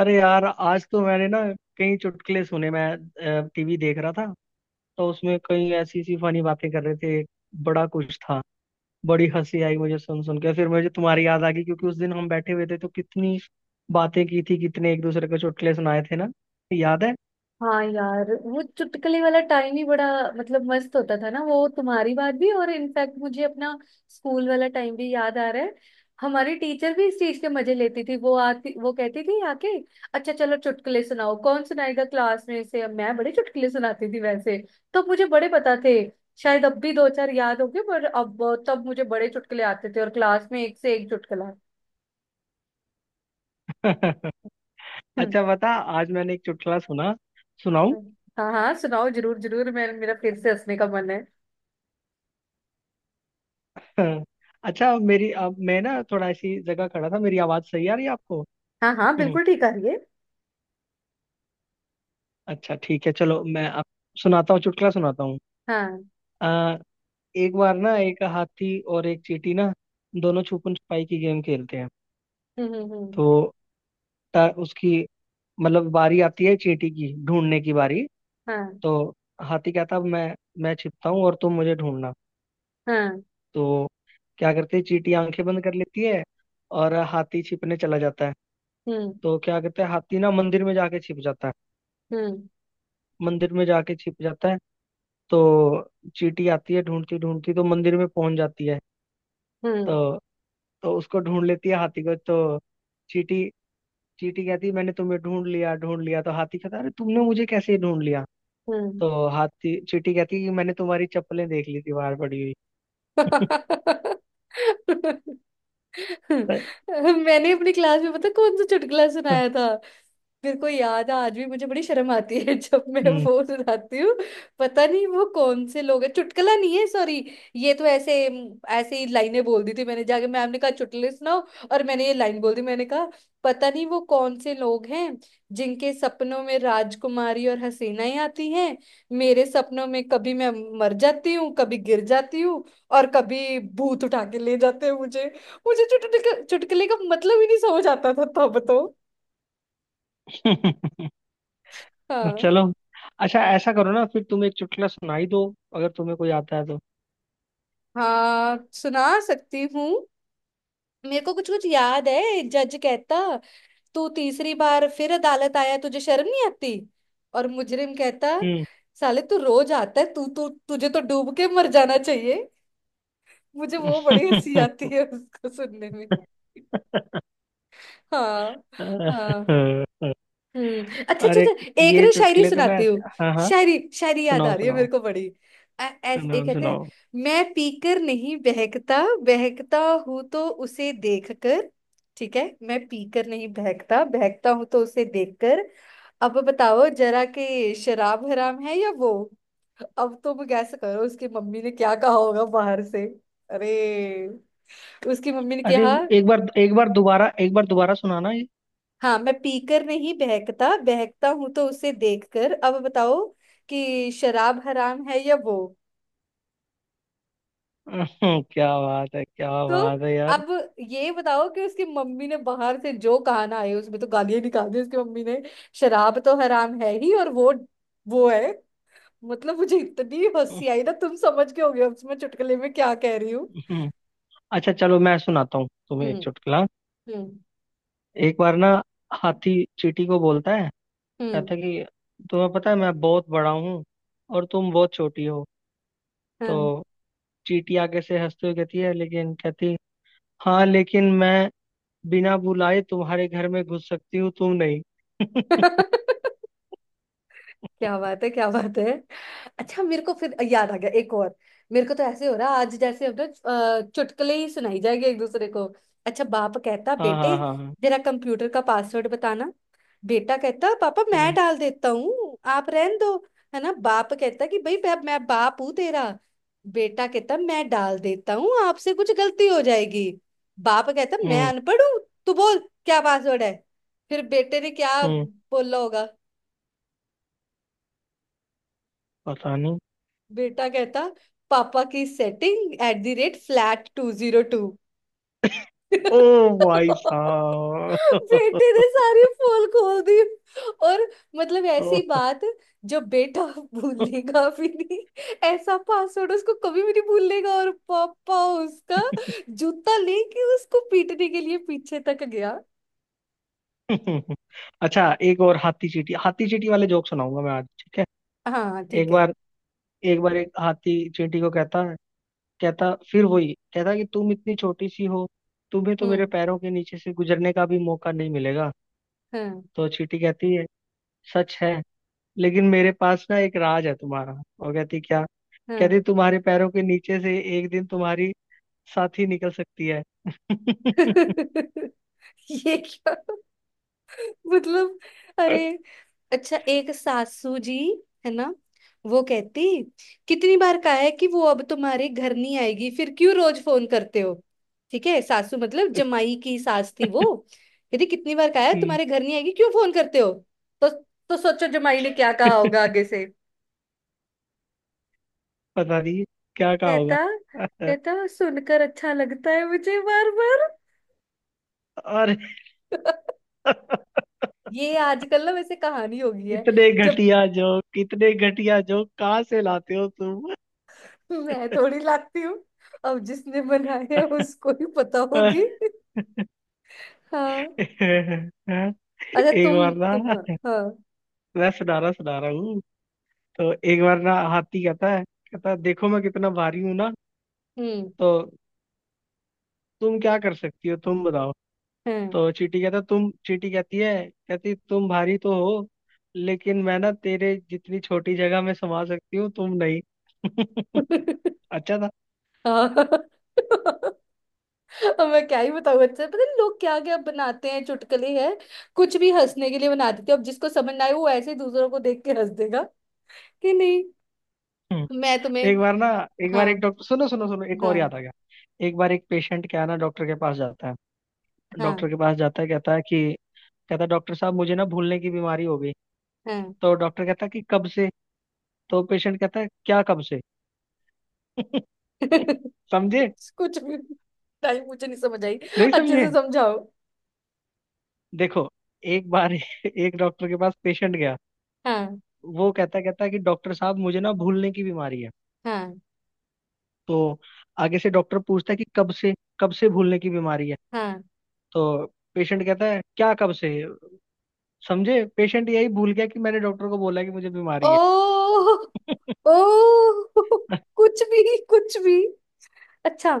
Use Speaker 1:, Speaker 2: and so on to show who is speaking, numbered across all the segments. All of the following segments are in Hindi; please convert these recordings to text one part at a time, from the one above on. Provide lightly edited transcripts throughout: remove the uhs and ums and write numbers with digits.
Speaker 1: अरे यार, आज तो मैंने ना कई चुटकुले सुने। मैं टीवी देख रहा था तो उसमें कई ऐसी सी फनी बातें कर रहे थे, बड़ा कुछ था। बड़ी हंसी आई मुझे सुन सुन के। फिर मुझे तुम्हारी याद आ गई क्योंकि उस दिन हम बैठे हुए थे तो कितनी बातें की थी, कितने एक दूसरे को चुटकुले सुनाए थे ना, याद है?
Speaker 2: हाँ यार, वो चुटकुले वाला टाइम ही बड़ा मस्त होता था ना। वो तुम्हारी बात भी, और इनफैक्ट मुझे अपना स्कूल वाला टाइम भी याद आ रहा है। हमारी टीचर भी इस चीज के मजे लेती थी। वो आती, वो कहती थी आके, अच्छा चलो चुटकुले सुनाओ, कौन सुनाएगा क्लास में से। अब मैं बड़े चुटकुले सुनाती थी वैसे, तो मुझे बड़े पता थे। शायद अब भी दो चार याद होंगे, पर अब तब मुझे बड़े चुटकुले आते थे, और क्लास में एक से एक चुटकुला। हम्म
Speaker 1: अच्छा बता, आज मैंने एक चुटकुला सुना, सुनाऊं?
Speaker 2: हम्म। हाँ हाँ, सुनाओ, जरूर जरूर। मैं मेरा फिर से हंसने का मन है।
Speaker 1: अच्छा मेरी, अब मैं ना थोड़ा ऐसी जगह खड़ा था, मेरी आवाज सही आ रही है आपको?
Speaker 2: हाँ हाँ, बिल्कुल ठीक आ रही है।
Speaker 1: अच्छा ठीक है, चलो मैं अब सुनाता हूँ चुटकुला, सुनाता
Speaker 2: हाँ। हम्म।
Speaker 1: हूँ। एक बार ना एक हाथी और एक चींटी ना दोनों छुपन छुपाई की गेम खेलते हैं।
Speaker 2: हम्म।
Speaker 1: तो उसकी मतलब बारी आती है, चींटी की ढूंढने की बारी।
Speaker 2: हाँ
Speaker 1: तो हाथी कहता है मैं छिपता हूँ और तुम मुझे ढूंढना।
Speaker 2: हाँ।
Speaker 1: तो क्या करते हैं, चींटी आंखें बंद कर लेती है और हाथी छिपने चला जाता है।
Speaker 2: हम्म
Speaker 1: तो क्या करते हैं, हाथी ना मंदिर में जाके छिप जाता है,
Speaker 2: हम्म।
Speaker 1: मंदिर में जाके छिप जाता है। तो चींटी आती है ढूंढती ढूंढती तो मंदिर में पहुंच जाती है।
Speaker 2: हम्म
Speaker 1: तो तो उसको ढूंढ लेती है, हाथी को। तो चींटी चींटी कहती मैंने तुम्हें ढूंढ लिया, ढूंढ लिया। तो हाथी कहता अरे तुमने मुझे कैसे ढूंढ लिया?
Speaker 2: हम्म।
Speaker 1: तो हाथी चींटी कहती कि मैंने तुम्हारी चप्पलें देख ली थी बाहर पड़ी हुई। तो-
Speaker 2: मैंने अपनी क्लास में पता कौन सा चुटकुला सुनाया था। मेरे को याद है, आज भी मुझे बड़ी शर्म आती है जब मैं
Speaker 1: हम्म।
Speaker 2: वो सुनाती हूँ। पता नहीं वो कौन से लोग हैं। चुटकुला नहीं है, सॉरी। ये तो ऐसे, ऐसे ही लाइनें बोल दी थी मैंने जाके। मैम ने कहा चुटकुले सुनाओ, और मैंने ये लाइन बोल दी। मैंने कहा, पता नहीं वो कौन से लोग हैं जिनके सपनों में राजकुमारी और हसीनाएं आती हैं। मेरे सपनों में कभी मैं मर जाती हूँ, कभी गिर जाती हूँ, और कभी भूत उठा के ले जाते हैं मुझे। मुझे चुटकुले चुटकुले का मतलब ही नहीं समझ आता था तब तो। हाँ।
Speaker 1: चलो अच्छा ऐसा करो ना, फिर तुम एक चुटकुला सुनाई दो, अगर तुम्हें कोई आता है तो।
Speaker 2: हाँ, सुना सकती हूँ। मेरे को कुछ कुछ याद है। जज कहता, तू तीसरी बार फिर अदालत आया, तुझे शर्म नहीं आती? और मुजरिम कहता,
Speaker 1: हम्म।
Speaker 2: साले तू रोज आता है, तू तू तुझे तो डूब के मर जाना चाहिए। मुझे वो बड़ी हंसी आती है उसको सुनने में। हाँ। हाँ। हम्म। अच्छा अच्छा
Speaker 1: अरे
Speaker 2: अच्छा, एक
Speaker 1: ये
Speaker 2: ना शायरी
Speaker 1: चुटकुले तो ना
Speaker 2: सुनाती
Speaker 1: ऐसे,
Speaker 2: हूँ।
Speaker 1: हाँ हाँ,
Speaker 2: शायरी, शायरी याद आ
Speaker 1: सुनाओ
Speaker 2: रही है मेरे
Speaker 1: सुनाओ,
Speaker 2: को बड़ी। ऐ- ऐस एक
Speaker 1: सुनाओ
Speaker 2: कहते हैं,
Speaker 1: सुनाओ।
Speaker 2: मैं पीकर नहीं बहकता, बहकता हूं तो उसे देखकर। ठीक है। मैं पीकर नहीं बहकता, बहकता हूं तो उसे देखकर। अब बताओ जरा कि शराब हराम है या वो। अब तुम गैस करो, उसकी मम्मी ने क्या कहा होगा बाहर से। अरे, उसकी मम्मी ने
Speaker 1: अरे
Speaker 2: कहा।
Speaker 1: एक बार, एक बार दोबारा सुनाना।
Speaker 2: हाँ, मैं पीकर नहीं बहकता, बहकता हूं तो उसे देखकर। अब बताओ कि शराब हराम है या वो।
Speaker 1: क्या बात है, क्या
Speaker 2: तो
Speaker 1: बात है यार।
Speaker 2: अब ये बताओ कि उसकी मम्मी ने बाहर से जो कहा ना, आए उसमें तो गालियां निकाल दी उसकी मम्मी ने। शराब तो हराम है ही, और वो है। मतलब मुझे इतनी हंसी आई ना, तुम समझ के होगे अब मैं चुटकुले में क्या कह रही हूँ।
Speaker 1: हम्म, अच्छा चलो मैं सुनाता हूँ तुम्हें एक
Speaker 2: हम्म।
Speaker 1: चुटकुला।
Speaker 2: हम्म।
Speaker 1: एक बार ना हाथी चींटी को बोलता है,
Speaker 2: हम्म।
Speaker 1: कहता है कि तुम्हें पता है मैं बहुत बड़ा हूँ और तुम बहुत छोटी हो। तो चींटी आगे से हंसते हुए कहती है, लेकिन कहती हाँ लेकिन मैं बिना बुलाए तुम्हारे घर में घुस सकती हूँ, तुम नहीं।
Speaker 2: हाँ क्या बात है, क्या बात है। अच्छा, मेरे को फिर याद आ गया एक और। मेरे को तो ऐसे हो रहा है, आज जैसे हम ना चुटकुले ही सुनाई जाएंगे एक दूसरे को। अच्छा, बाप कहता,
Speaker 1: हाँ
Speaker 2: बेटे
Speaker 1: हाँ हाँ हाँ।
Speaker 2: जरा कंप्यूटर का पासवर्ड बताना। बेटा कहता, पापा मैं
Speaker 1: हम्म
Speaker 2: डाल देता हूँ, आप रहन दो। है ना। बाप कहता कि भाई मैं बाप हूँ तेरा। बेटा कहता, मैं डाल देता हूँ, आपसे कुछ गलती हो जाएगी। बाप कहता, मैं
Speaker 1: हम्म
Speaker 2: अनपढ़ हूँ, तू बोल क्या पासवर्ड है। फिर बेटे ने क्या
Speaker 1: हम्म।
Speaker 2: बोला होगा?
Speaker 1: पता नहीं।
Speaker 2: बेटा कहता, पापा की सेटिंग @flat202।
Speaker 1: ओ भाई
Speaker 2: बेटे ने सारी पोल खोल दी। और मतलब ऐसी
Speaker 1: साहब।
Speaker 2: बात, जो बेटा भूलेगा भी नहीं। ऐसा पासवर्ड उसको कभी भी नहीं भूलेगा। और पापा उसका जूता लेके उसको पीटने के लिए पीछे तक गया।
Speaker 1: अच्छा एक और हाथी चींटी, हाथी चींटी वाले जोक सुनाऊंगा मैं आज, ठीक है?
Speaker 2: हाँ
Speaker 1: एक
Speaker 2: ठीक है।
Speaker 1: बार एक बार एक हाथी चींटी को कहता, कहता फिर वही, कहता कि तुम इतनी छोटी सी हो, तुम्हें तो मेरे
Speaker 2: हम्म।
Speaker 1: पैरों के नीचे से गुजरने का भी मौका नहीं मिलेगा।
Speaker 2: हाँ।
Speaker 1: तो चींटी कहती है सच है, लेकिन मेरे पास ना एक राज है तुम्हारा। और कहती क्या,
Speaker 2: हाँ
Speaker 1: कहती तुम्हारे पैरों के नीचे से एक दिन तुम्हारी साथी निकल सकती है।
Speaker 2: ये क्या? मतलब? अरे। अच्छा, एक सासू जी है ना, वो कहती, कितनी बार कहा है कि वो अब तुम्हारे घर नहीं आएगी, फिर क्यों रोज फोन करते हो। ठीक है, सासू मतलब जमाई की सास थी वो। कहती, कितनी बार कहा है
Speaker 1: हम्म,
Speaker 2: तुम्हारे घर नहीं आएगी, क्यों फोन करते हो। तो तो सोचो जमाई ने क्या कहा होगा आगे से।
Speaker 1: पता नहीं क्या कहा होगा।
Speaker 2: कहता कहता सुनकर अच्छा लगता है मुझे, बार बार।
Speaker 1: और
Speaker 2: ये आजकल ना वैसे कहानी हो गई है।
Speaker 1: इतने
Speaker 2: जब
Speaker 1: घटिया जोक, कितने घटिया जोक कहाँ से लाते हो तुम?
Speaker 2: मैं थोड़ी लाती हूँ, अब जिसने बनाए हैं उसको ही पता होगी। हाँ। अच्छा
Speaker 1: एक
Speaker 2: तुम
Speaker 1: बार
Speaker 2: तुम
Speaker 1: ना,
Speaker 2: हाँ हाँ।
Speaker 1: मैं सुना रहा हूँ। तो एक बार ना हाथी कहता है, कहता है देखो मैं कितना भारी हूँ ना,
Speaker 2: हम्म।
Speaker 1: तो तुम क्या कर सकती हो तुम बताओ।
Speaker 2: हाँ
Speaker 1: तो चींटी कहती है, कहती तुम भारी तो हो, लेकिन मैं ना तेरे जितनी छोटी जगह में समा सकती हूँ, तुम नहीं। अच्छा
Speaker 2: हाँ। अब मैं क्या ही बताऊँ। अच्छा, पता नहीं लोग क्या क्या बनाते हैं चुटकुले हैं, कुछ भी हंसने के लिए बना देते हैं। अब जिसको समझ ना आए वो ऐसे ही दूसरों को देख के हंस देगा कि नहीं।
Speaker 1: था।
Speaker 2: मैं तुम्हें।
Speaker 1: एक बार ना, एक बार
Speaker 2: हाँ
Speaker 1: एक डॉक्टर, सुनो सुनो सुनो, एक और
Speaker 2: हाँ।
Speaker 1: याद आ गया। एक बार एक पेशेंट क्या है ना, डॉक्टर के पास जाता है, डॉक्टर
Speaker 2: हाँ
Speaker 1: के पास जाता है, कहता है कि, कहता है डॉक्टर साहब मुझे ना भूलने की बीमारी हो गई।
Speaker 2: हाँ
Speaker 1: तो डॉक्टर कहता है कि कब से? तो पेशेंट कहता है क्या कब से? समझे?
Speaker 2: कुछ भी, टाइम मुझे नहीं समझ आई।
Speaker 1: नहीं
Speaker 2: अच्छे
Speaker 1: समझे?
Speaker 2: से समझाओ।
Speaker 1: देखो, एक बार एक डॉक्टर के पास पेशेंट गया।
Speaker 2: हाँ।
Speaker 1: वो कहता कहता है कि डॉक्टर साहब मुझे ना भूलने की बीमारी है।
Speaker 2: हाँ।
Speaker 1: तो आगे से डॉक्टर पूछता है कि कब से, कब से भूलने की बीमारी है?
Speaker 2: हाँ।
Speaker 1: तो पेशेंट कहता है क्या कब से? समझे, पेशेंट यही भूल गया कि मैंने डॉक्टर को बोला कि मुझे
Speaker 2: ओ।
Speaker 1: बीमारी है।
Speaker 2: ओ कुछ भी, कुछ भी। अच्छा,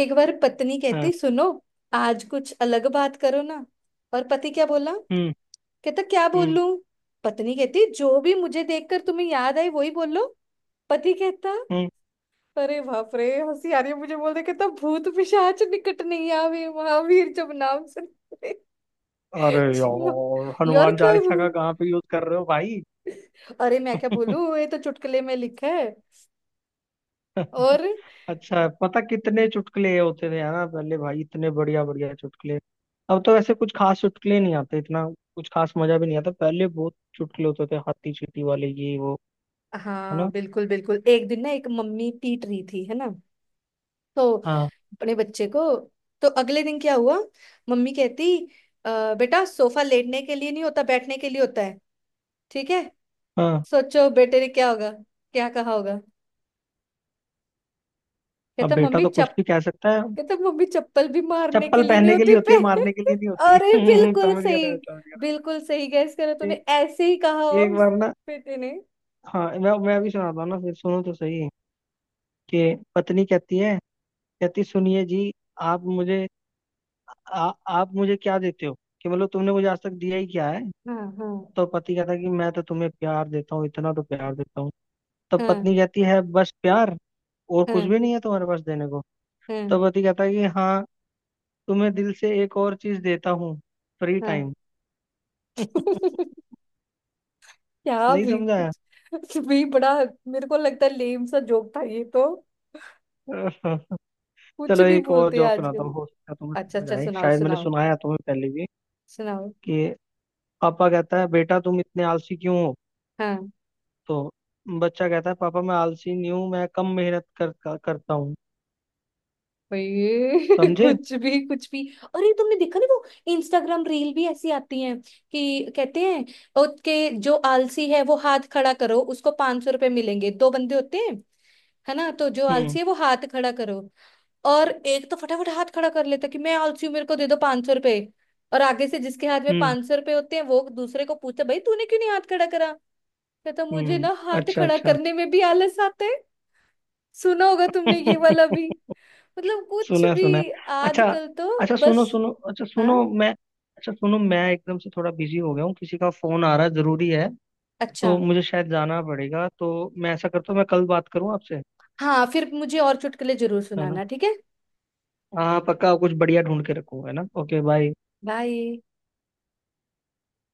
Speaker 2: एक बार पत्नी
Speaker 1: हाँ।
Speaker 2: कहती, सुनो, आज कुछ अलग बात करो ना। और पति क्या बोला?
Speaker 1: हम्म
Speaker 2: कहता, क्या
Speaker 1: हम्म
Speaker 2: बोलूं? पत्नी कहती, जो भी मुझे देखकर तुम्हें याद आई वही बोलो। पति कहता,
Speaker 1: हम्म।
Speaker 2: अरे बाप रे, हंसी आ रही है मुझे। बोल रहे, कहता, भूत पिशाच निकट नहीं आवे, महावीर जब नाम सुनते।
Speaker 1: अरे यार
Speaker 2: यार
Speaker 1: हनुमान
Speaker 2: क्या ही
Speaker 1: चालीसा का
Speaker 2: बोलूं?
Speaker 1: कहाँ पे यूज कर रहे हो भाई?
Speaker 2: अरे मैं क्या बोलूं, ये तो चुटकुले में लिखा है। और
Speaker 1: अच्छा पता कितने चुटकुले ये होते थे, है ना, पहले भाई इतने बढ़िया बढ़िया चुटकुले। अब तो वैसे कुछ खास चुटकुले नहीं आते, इतना कुछ खास मजा भी नहीं आता। पहले बहुत चुटकुले होते थे, हाथी चींटी वाले, ये वो, है
Speaker 2: हाँ,
Speaker 1: ना।
Speaker 2: बिल्कुल बिल्कुल। एक दिन ना एक मम्मी पीट रही थी है ना, तो
Speaker 1: हाँ
Speaker 2: अपने बच्चे को। तो अगले दिन क्या हुआ, मम्मी कहती, बेटा सोफा लेटने के लिए नहीं होता, बैठने के लिए होता है, ठीक है।"
Speaker 1: हाँ,
Speaker 2: सोचो बेटे ने क्या होगा, क्या कहा होगा?
Speaker 1: अब
Speaker 2: कहता
Speaker 1: बेटा
Speaker 2: मम्मी
Speaker 1: तो कुछ
Speaker 2: चप
Speaker 1: भी कह सकता है।
Speaker 2: कहता, मम्मी चप्पल भी मारने के
Speaker 1: चप्पल
Speaker 2: लिए नहीं
Speaker 1: पहनने के
Speaker 2: होती
Speaker 1: लिए होती
Speaker 2: पे।
Speaker 1: है, मारने के लिए नहीं होती।
Speaker 2: अरे बिल्कुल
Speaker 1: समझ गया
Speaker 2: सही।
Speaker 1: था।
Speaker 2: बिल्कुल सही, गैस करो, तूने
Speaker 1: ए,
Speaker 2: ऐसे ही कहा
Speaker 1: एक
Speaker 2: उस
Speaker 1: बार ना,
Speaker 2: बेटे ने।
Speaker 1: हाँ मैं भी सुनाता हूँ ना, फिर सुनो तो सही, कि पत्नी कहती है, कहती सुनिए जी, आप मुझे आप मुझे क्या देते हो कि, मतलब तुमने मुझे आज तक दिया ही क्या है?
Speaker 2: हाँ हाँ
Speaker 1: तो पति कहता है कि मैं तो तुम्हें प्यार देता हूँ, इतना तो प्यार देता हूँ। तो
Speaker 2: हाँ
Speaker 1: पत्नी कहती है बस प्यार, और कुछ
Speaker 2: हाँ।
Speaker 1: भी नहीं है तुम्हारे पास देने को?
Speaker 2: हाँ
Speaker 1: तो पति कहता है कि हाँ, तुम्हें दिल से एक और चीज देता हूँ, फ्री
Speaker 2: हाँ
Speaker 1: टाइम।
Speaker 2: क्या
Speaker 1: नहीं
Speaker 2: भी,
Speaker 1: समझाया?
Speaker 2: कुछ भी बड़ा। मेरे को लगता है लेम सा जोक था ये तो। कुछ
Speaker 1: चलो
Speaker 2: भी
Speaker 1: एक और
Speaker 2: बोलते हैं
Speaker 1: जोक सुनाता
Speaker 2: आजकल।
Speaker 1: हूँ, हो सकता है तुम्हें
Speaker 2: अच्छा
Speaker 1: समझ
Speaker 2: अच्छा,
Speaker 1: आए,
Speaker 2: सुनाओ
Speaker 1: शायद मैंने
Speaker 2: सुनाओ
Speaker 1: सुनाया तुम्हें पहले भी
Speaker 2: सुनाओ।
Speaker 1: कि पापा कहता है बेटा तुम इतने आलसी क्यों हो?
Speaker 2: हाँ।
Speaker 1: तो बच्चा कहता है पापा मैं आलसी नहीं हूँ, मैं कम मेहनत कर, कर, करता हूँ।
Speaker 2: ये
Speaker 1: समझे?
Speaker 2: कुछ भी कुछ भी। अरे तुमने देखा नहीं वो इंस्टाग्राम रील भी ऐसी आती हैं कि कहते हैं, उसके, जो आलसी है वो हाथ खड़ा करो, उसको 500 रुपए मिलेंगे। दो बंदे होते हैं है ना, तो जो
Speaker 1: हम्म
Speaker 2: आलसी है वो हाथ खड़ा करो। और एक तो फटाफट हाथ खड़ा कर लेता कि मैं आलसी हूँ, मेरे को दे दो 500 रुपए। और आगे से जिसके हाथ में
Speaker 1: हम्म
Speaker 2: 500 रुपए होते हैं वो दूसरे को पूछता, भाई तूने क्यों नहीं हाथ खड़ा करा। कहता, मुझे
Speaker 1: हम्म।
Speaker 2: ना हाथ
Speaker 1: अच्छा
Speaker 2: खड़ा
Speaker 1: अच्छा।
Speaker 2: करने में भी आलस आता है। सुना होगा तुमने ये वाला भी। मतलब कुछ
Speaker 1: सुना है, सुना है।
Speaker 2: भी।
Speaker 1: अच्छा,
Speaker 2: आजकल तो।
Speaker 1: अच्छा सुनो
Speaker 2: बस।
Speaker 1: सुनो अच्छा
Speaker 2: हाँ।
Speaker 1: सुनो मैं अच्छा सुनो, मैं एकदम से थोड़ा बिजी हो गया हूँ, किसी का फोन आ रहा है, जरूरी है।
Speaker 2: अच्छा।
Speaker 1: तो मुझे शायद जाना पड़ेगा, तो मैं ऐसा करता हूँ मैं कल बात करूँ आपसे,
Speaker 2: हाँ, फिर मुझे और चुटकुले जरूर
Speaker 1: है ना?
Speaker 2: सुनाना, ठीक है।
Speaker 1: हाँ पक्का, कुछ बढ़िया ढूंढ के रखूँ, है ना। Okay bye.
Speaker 2: बाय।